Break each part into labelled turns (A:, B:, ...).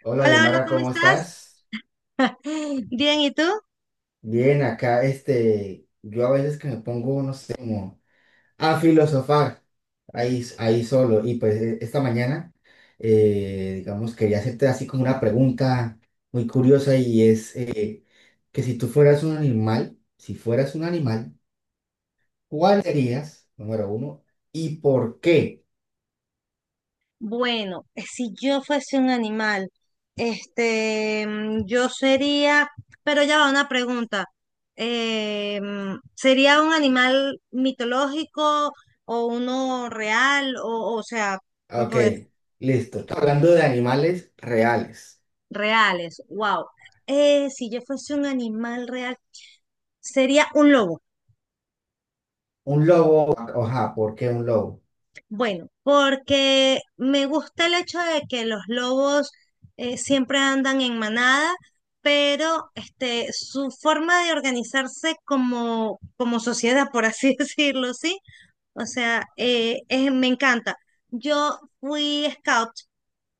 A: Hola,
B: Hola, hola,
A: Yomara,
B: ¿cómo
A: ¿cómo
B: estás?
A: estás?
B: Bien, ¿y tú?
A: Bien, acá, yo a veces que me pongo, no sé, como a filosofar ahí solo. Y pues esta mañana, digamos, quería hacerte así como una pregunta muy curiosa y es que si tú fueras un animal, si fueras un animal, ¿cuál serías? Número uno, ¿y por qué?
B: Bueno, si yo fuese un animal, yo sería, pero ya va una pregunta. ¿Sería un animal mitológico o uno real? O sea,
A: Ah, ok,
B: pues,
A: listo. Hablando de animales reales.
B: reales, wow. Si yo fuese un animal real, sería un lobo.
A: Un lobo, ajá, ¿por qué un lobo?
B: Bueno, porque me gusta el hecho de que los lobos siempre andan en manada, pero este, su forma de organizarse como sociedad, por así decirlo, ¿sí? O sea, me encanta. Yo fui scout,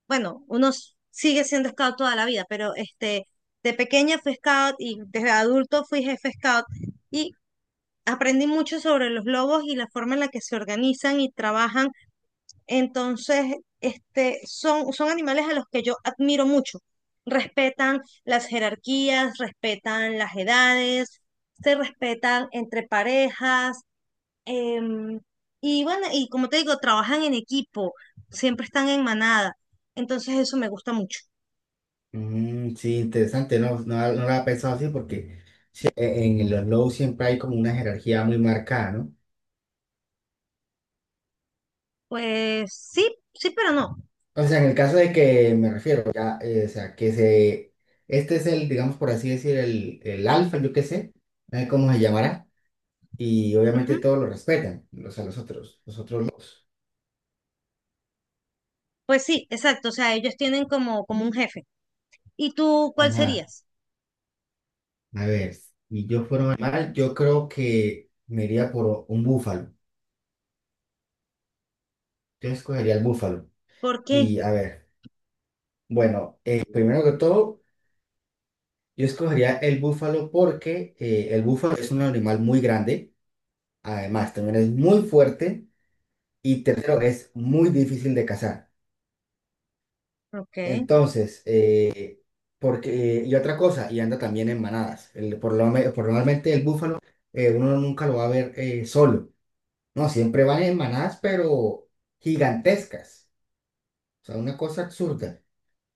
B: bueno, uno sigue siendo scout toda la vida, pero este, de pequeña fui scout y desde adulto fui jefe scout y aprendí mucho sobre los lobos y la forma en la que se organizan y trabajan. Entonces, este, son animales a los que yo admiro mucho. Respetan las jerarquías, respetan las edades, se respetan entre parejas. em, y bueno, y como te digo, trabajan en equipo, siempre están en manada. Entonces, eso me gusta mucho.
A: Mm, sí, interesante, no, no, no lo había pensado así porque sí, en los lows siempre hay como una jerarquía muy marcada, ¿no?
B: Pues sí, sí, pero no.
A: O sea, en el caso de que me refiero, ya, o sea, que se, este es el, digamos por así decir, el alfa, yo qué sé, no sé cómo se llamará, y
B: Ujú.
A: obviamente todos lo respetan, los a los otros lows.
B: Pues sí, exacto. O sea, ellos tienen como, como un jefe. ¿Y tú cuál
A: Ajá,
B: serías?
A: a ver, si yo fuera un animal, yo creo que me iría por un búfalo, yo escogería el búfalo,
B: ¿Por qué?
A: y a ver, bueno, primero que todo, yo escogería el búfalo porque el búfalo es un animal muy grande, además también es muy fuerte y tercero es muy difícil de cazar.
B: Ok,
A: Entonces, porque, y otra cosa, y anda también en manadas. Por lo, por normalmente el búfalo uno nunca lo va a ver solo, ¿no? Siempre van en manadas, pero gigantescas, o sea, una cosa absurda.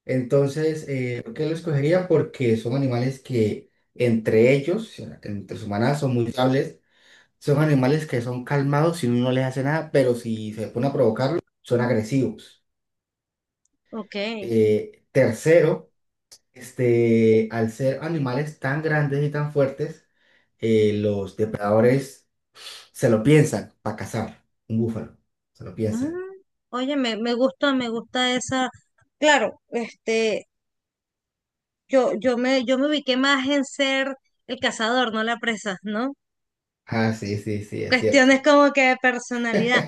A: Entonces, ¿por qué lo escogería? Porque son animales que entre ellos, entre sus manadas son muy estables. Son animales que son calmados si uno no les hace nada, pero si se pone a provocarlos, son agresivos.
B: ok.
A: Tercero, al ser animales tan grandes y tan fuertes, los depredadores se lo piensan para cazar un búfalo. Se lo piensan.
B: Mm, oye, me gusta esa. Claro, este, yo me ubiqué más en ser el cazador, no la presa, ¿no?
A: Ah, sí, sí, sí, es cierto.
B: Cuestiones como que de personalidad.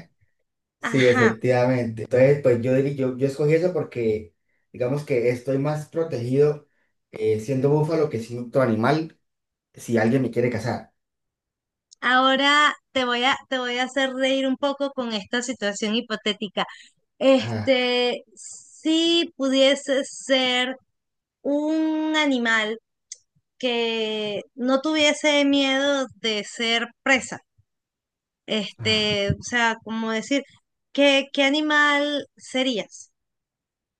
A: Sí,
B: Ajá.
A: efectivamente. Entonces, pues yo, yo, yo escogí eso porque, digamos que estoy más protegido siendo búfalo que siendo otro animal si alguien me quiere cazar.
B: Ahora te voy a hacer reír un poco con esta situación hipotética.
A: Ajá.
B: Este, si pudiese ser un animal que no tuviese miedo de ser presa.
A: Ajá.
B: Este, o sea, como decir, qué animal serías?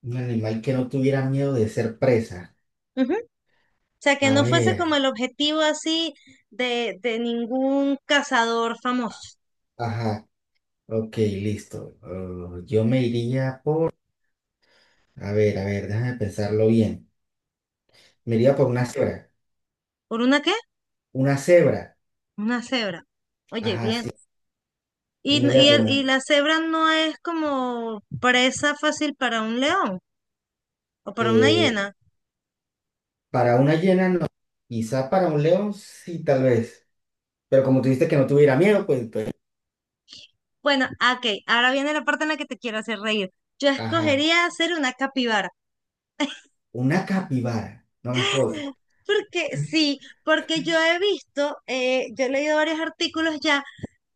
A: Un animal que no tuviera miedo de ser presa.
B: Ujú. O sea, que
A: A
B: no fuese
A: ver,
B: como el objetivo así de ningún cazador famoso.
A: ajá, ok, listo. Yo me iría por... a ver, déjame pensarlo bien. Me iría por una cebra.
B: ¿Por una qué?
A: Una cebra.
B: Una cebra. Oye,
A: Ajá,
B: bien.
A: sí.
B: Y,
A: Yo me iría por una...
B: la cebra no es como presa fácil para un león o para una
A: el-
B: hiena.
A: Para una hiena no. Quizá para un león sí, tal vez. Pero como tú dijiste que no tuviera miedo, pues... pues,
B: Bueno, ah, ok, ahora viene la parte en la que te quiero hacer reír. Yo
A: ajá.
B: escogería hacer una capibara.
A: Una capibara. No me jodas.
B: Porque sí, porque yo he visto, yo he leído varios artículos ya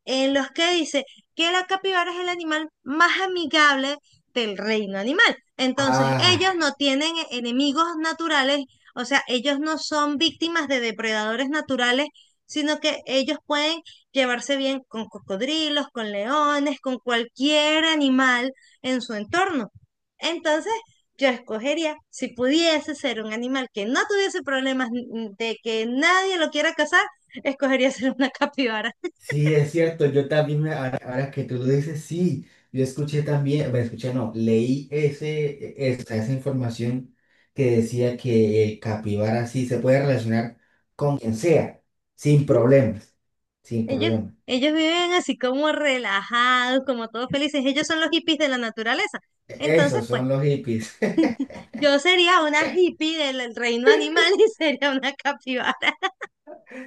B: en los que dice que la capibara es el animal más amigable del reino animal. Entonces,
A: Ah.
B: ellos no tienen enemigos naturales, o sea, ellos no son víctimas de depredadores naturales, sino que ellos pueden llevarse bien con cocodrilos, con leones, con cualquier animal en su entorno. Entonces, yo escogería, si pudiese ser un animal que no tuviese problemas de que nadie lo quiera cazar, escogería ser una capibara.
A: Sí, es cierto, yo también, ahora, ahora que tú lo dices, sí, yo escuché también, bueno, escuché, no, leí ese, esa información que decía que el capibara sí se puede relacionar con quien sea, sin problemas, sin
B: Ellos,
A: problemas.
B: ellos viven así como relajados, como todos felices. Ellos son los hippies de la naturaleza. Entonces,
A: Esos
B: pues,
A: son los hippies.
B: yo sería una hippie del reino animal y sería una capibara.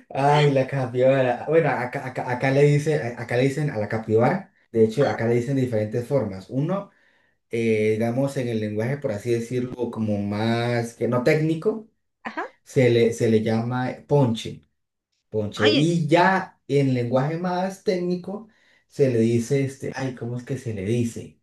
A: Ay, la capibara. Bueno, acá le dice, acá le dicen a la capibara, de hecho, acá le dicen de diferentes formas. Uno, digamos, en el lenguaje, por así decirlo, como más que no técnico.
B: Ajá.
A: Se le llama ponche, ponche.
B: Oye,
A: Y ya en lenguaje más técnico se le dice ay, ¿cómo es que se le dice?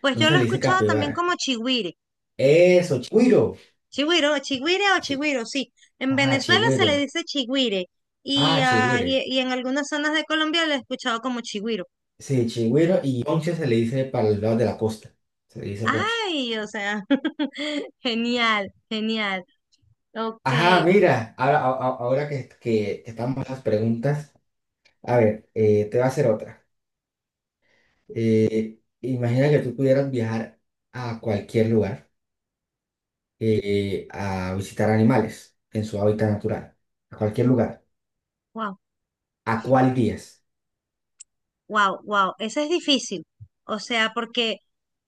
B: pues
A: No
B: yo
A: se
B: lo he
A: le dice
B: escuchado también
A: capibara.
B: como chigüire.
A: Eso, chigüiro.
B: Chigüiro, chigüire o
A: Chi-
B: chigüiro, sí. En
A: Ajá,
B: Venezuela se le
A: chigüiro.
B: dice chigüire y,
A: Ah, chigüiro.
B: y en algunas zonas de Colombia lo he escuchado como chigüiro.
A: Sí, chigüiro y ponche se le dice para el lado de la costa. Se le dice ponche.
B: Ay, o sea, genial, genial. Ok,
A: Ajá, mira, ahora, ahora que estamos en las preguntas, a ver, te voy a hacer otra. Imagina que tú pudieras viajar a cualquier lugar a visitar animales en su hábitat natural, a cualquier lugar.
B: wow.
A: ¿A cuál días?
B: Wow, wow, eso es difícil. O sea, porque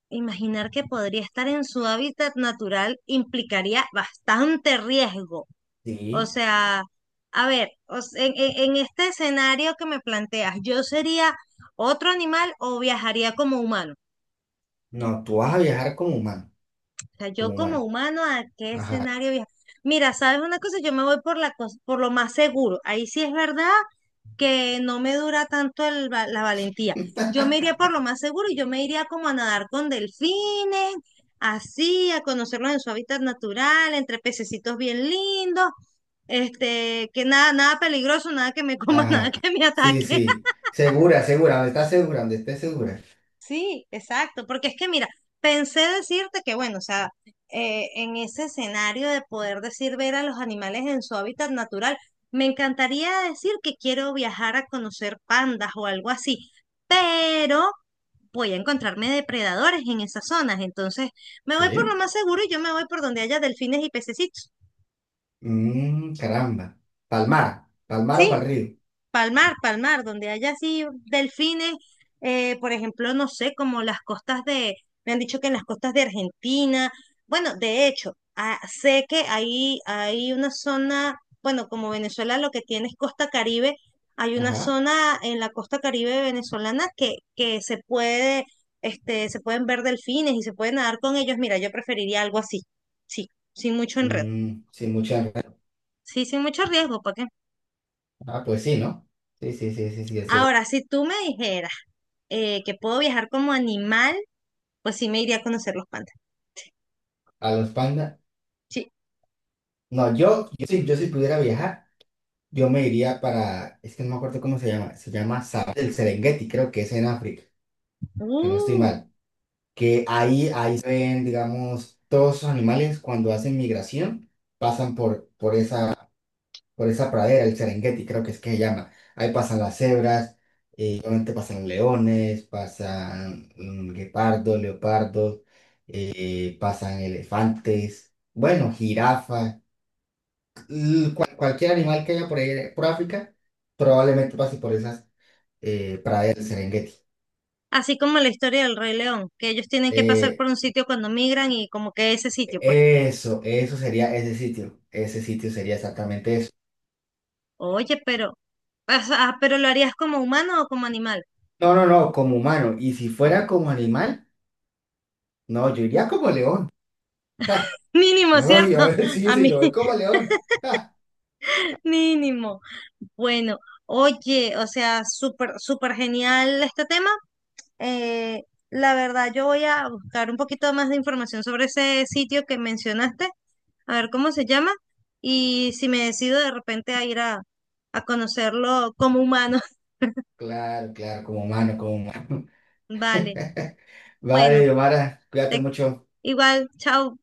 B: imaginar que podría estar en su hábitat natural implicaría bastante riesgo. O
A: Sí.
B: sea, a ver, o s- en este escenario que me planteas, ¿yo sería otro animal o viajaría como humano?
A: No, tú vas a viajar como humano,
B: O sea, yo
A: como
B: como
A: humano.
B: humano, ¿a qué
A: Ajá,
B: escenario viajo? Mira, ¿sabes una cosa? Yo me voy por por lo más seguro. Ahí sí es verdad que no me dura tanto la valentía. Yo me iría por lo más seguro y yo me iría como a nadar con delfines, así, a conocerlos en su hábitat natural, entre pececitos bien lindos, este, que nada, nada peligroso, nada que me coma, nada
A: ajá.
B: que me
A: Sí,
B: ataque.
A: sí. Segura, segura, donde estás segura, donde estés segura.
B: Sí, exacto, porque es que mira, pensé decirte que bueno, o sea, en ese escenario de poder decir ver a los animales en su hábitat natural, me encantaría decir que quiero viajar a conocer pandas o algo así, pero voy a encontrarme depredadores en esas zonas, entonces me voy por lo
A: Sí.
B: más seguro y yo me voy por donde haya delfines y pececitos.
A: Mm, caramba. Palmar, Palmar o
B: Sí,
A: Pal río.
B: Palmar, Palmar, donde haya así delfines, por ejemplo, no sé, como las costas de, me han dicho que en las costas de Argentina, bueno, de hecho, ah, sé que ahí hay una zona, bueno, como Venezuela lo que tiene es costa Caribe, hay una
A: Ajá.
B: zona en la costa Caribe venezolana que se puede, este, se pueden ver delfines y se puede nadar con ellos. Mira, yo preferiría algo así, sí, sin mucho enredo,
A: Mm, sin mucha enredo.
B: sí, sin mucho riesgo, ¿para qué?
A: Ah, pues sí, ¿no? Sí, sí, sí, sí, sí, es...
B: Ahora, si tú me dijeras que puedo viajar como animal, pues sí me iría a conocer los pandas.
A: A los pandas.
B: Sí.
A: No, yo sí, yo si pudiera viajar. Yo me iría para, es que no me acuerdo cómo se llama Safari del Serengeti, creo que es en África, si no estoy
B: Uh,
A: mal, que ahí se ven, digamos, todos esos animales cuando hacen migración, pasan por, por esa, por esa pradera, el Serengeti, creo que es que se llama. Ahí pasan las cebras, y obviamente pasan leones, pasan mm, guepardos, leopardos, pasan elefantes, bueno, jirafas, cualquier animal que haya por ahí, por África, probablemente pase por esas Praia del Serengeti.
B: así como la historia del Rey León, que ellos tienen que pasar por
A: Eh,
B: un sitio cuando migran y como que ese sitio, pues,
A: eso sería ese sitio. Ese sitio sería exactamente eso.
B: oye, pero, o sea, pero ¿lo harías como humano o como animal?
A: No, no, no, como humano. Y si fuera como animal, no, yo iría como león. Ja,
B: Mínimo,
A: no, yo
B: ¿cierto?
A: sí,
B: A
A: sí,
B: mí,
A: yo voy como león. Ja,
B: mínimo. Bueno, oye, o sea, súper, súper genial este tema. Eh, la verdad, yo voy a buscar un poquito más de información sobre ese sitio que mencionaste a ver cómo se llama y si me decido de repente a a conocerlo como humano.
A: claro, claro, como humano, como humano.
B: Vale, bueno,
A: Vale, Yomara, cuídate
B: te-
A: mucho.
B: igual, chao.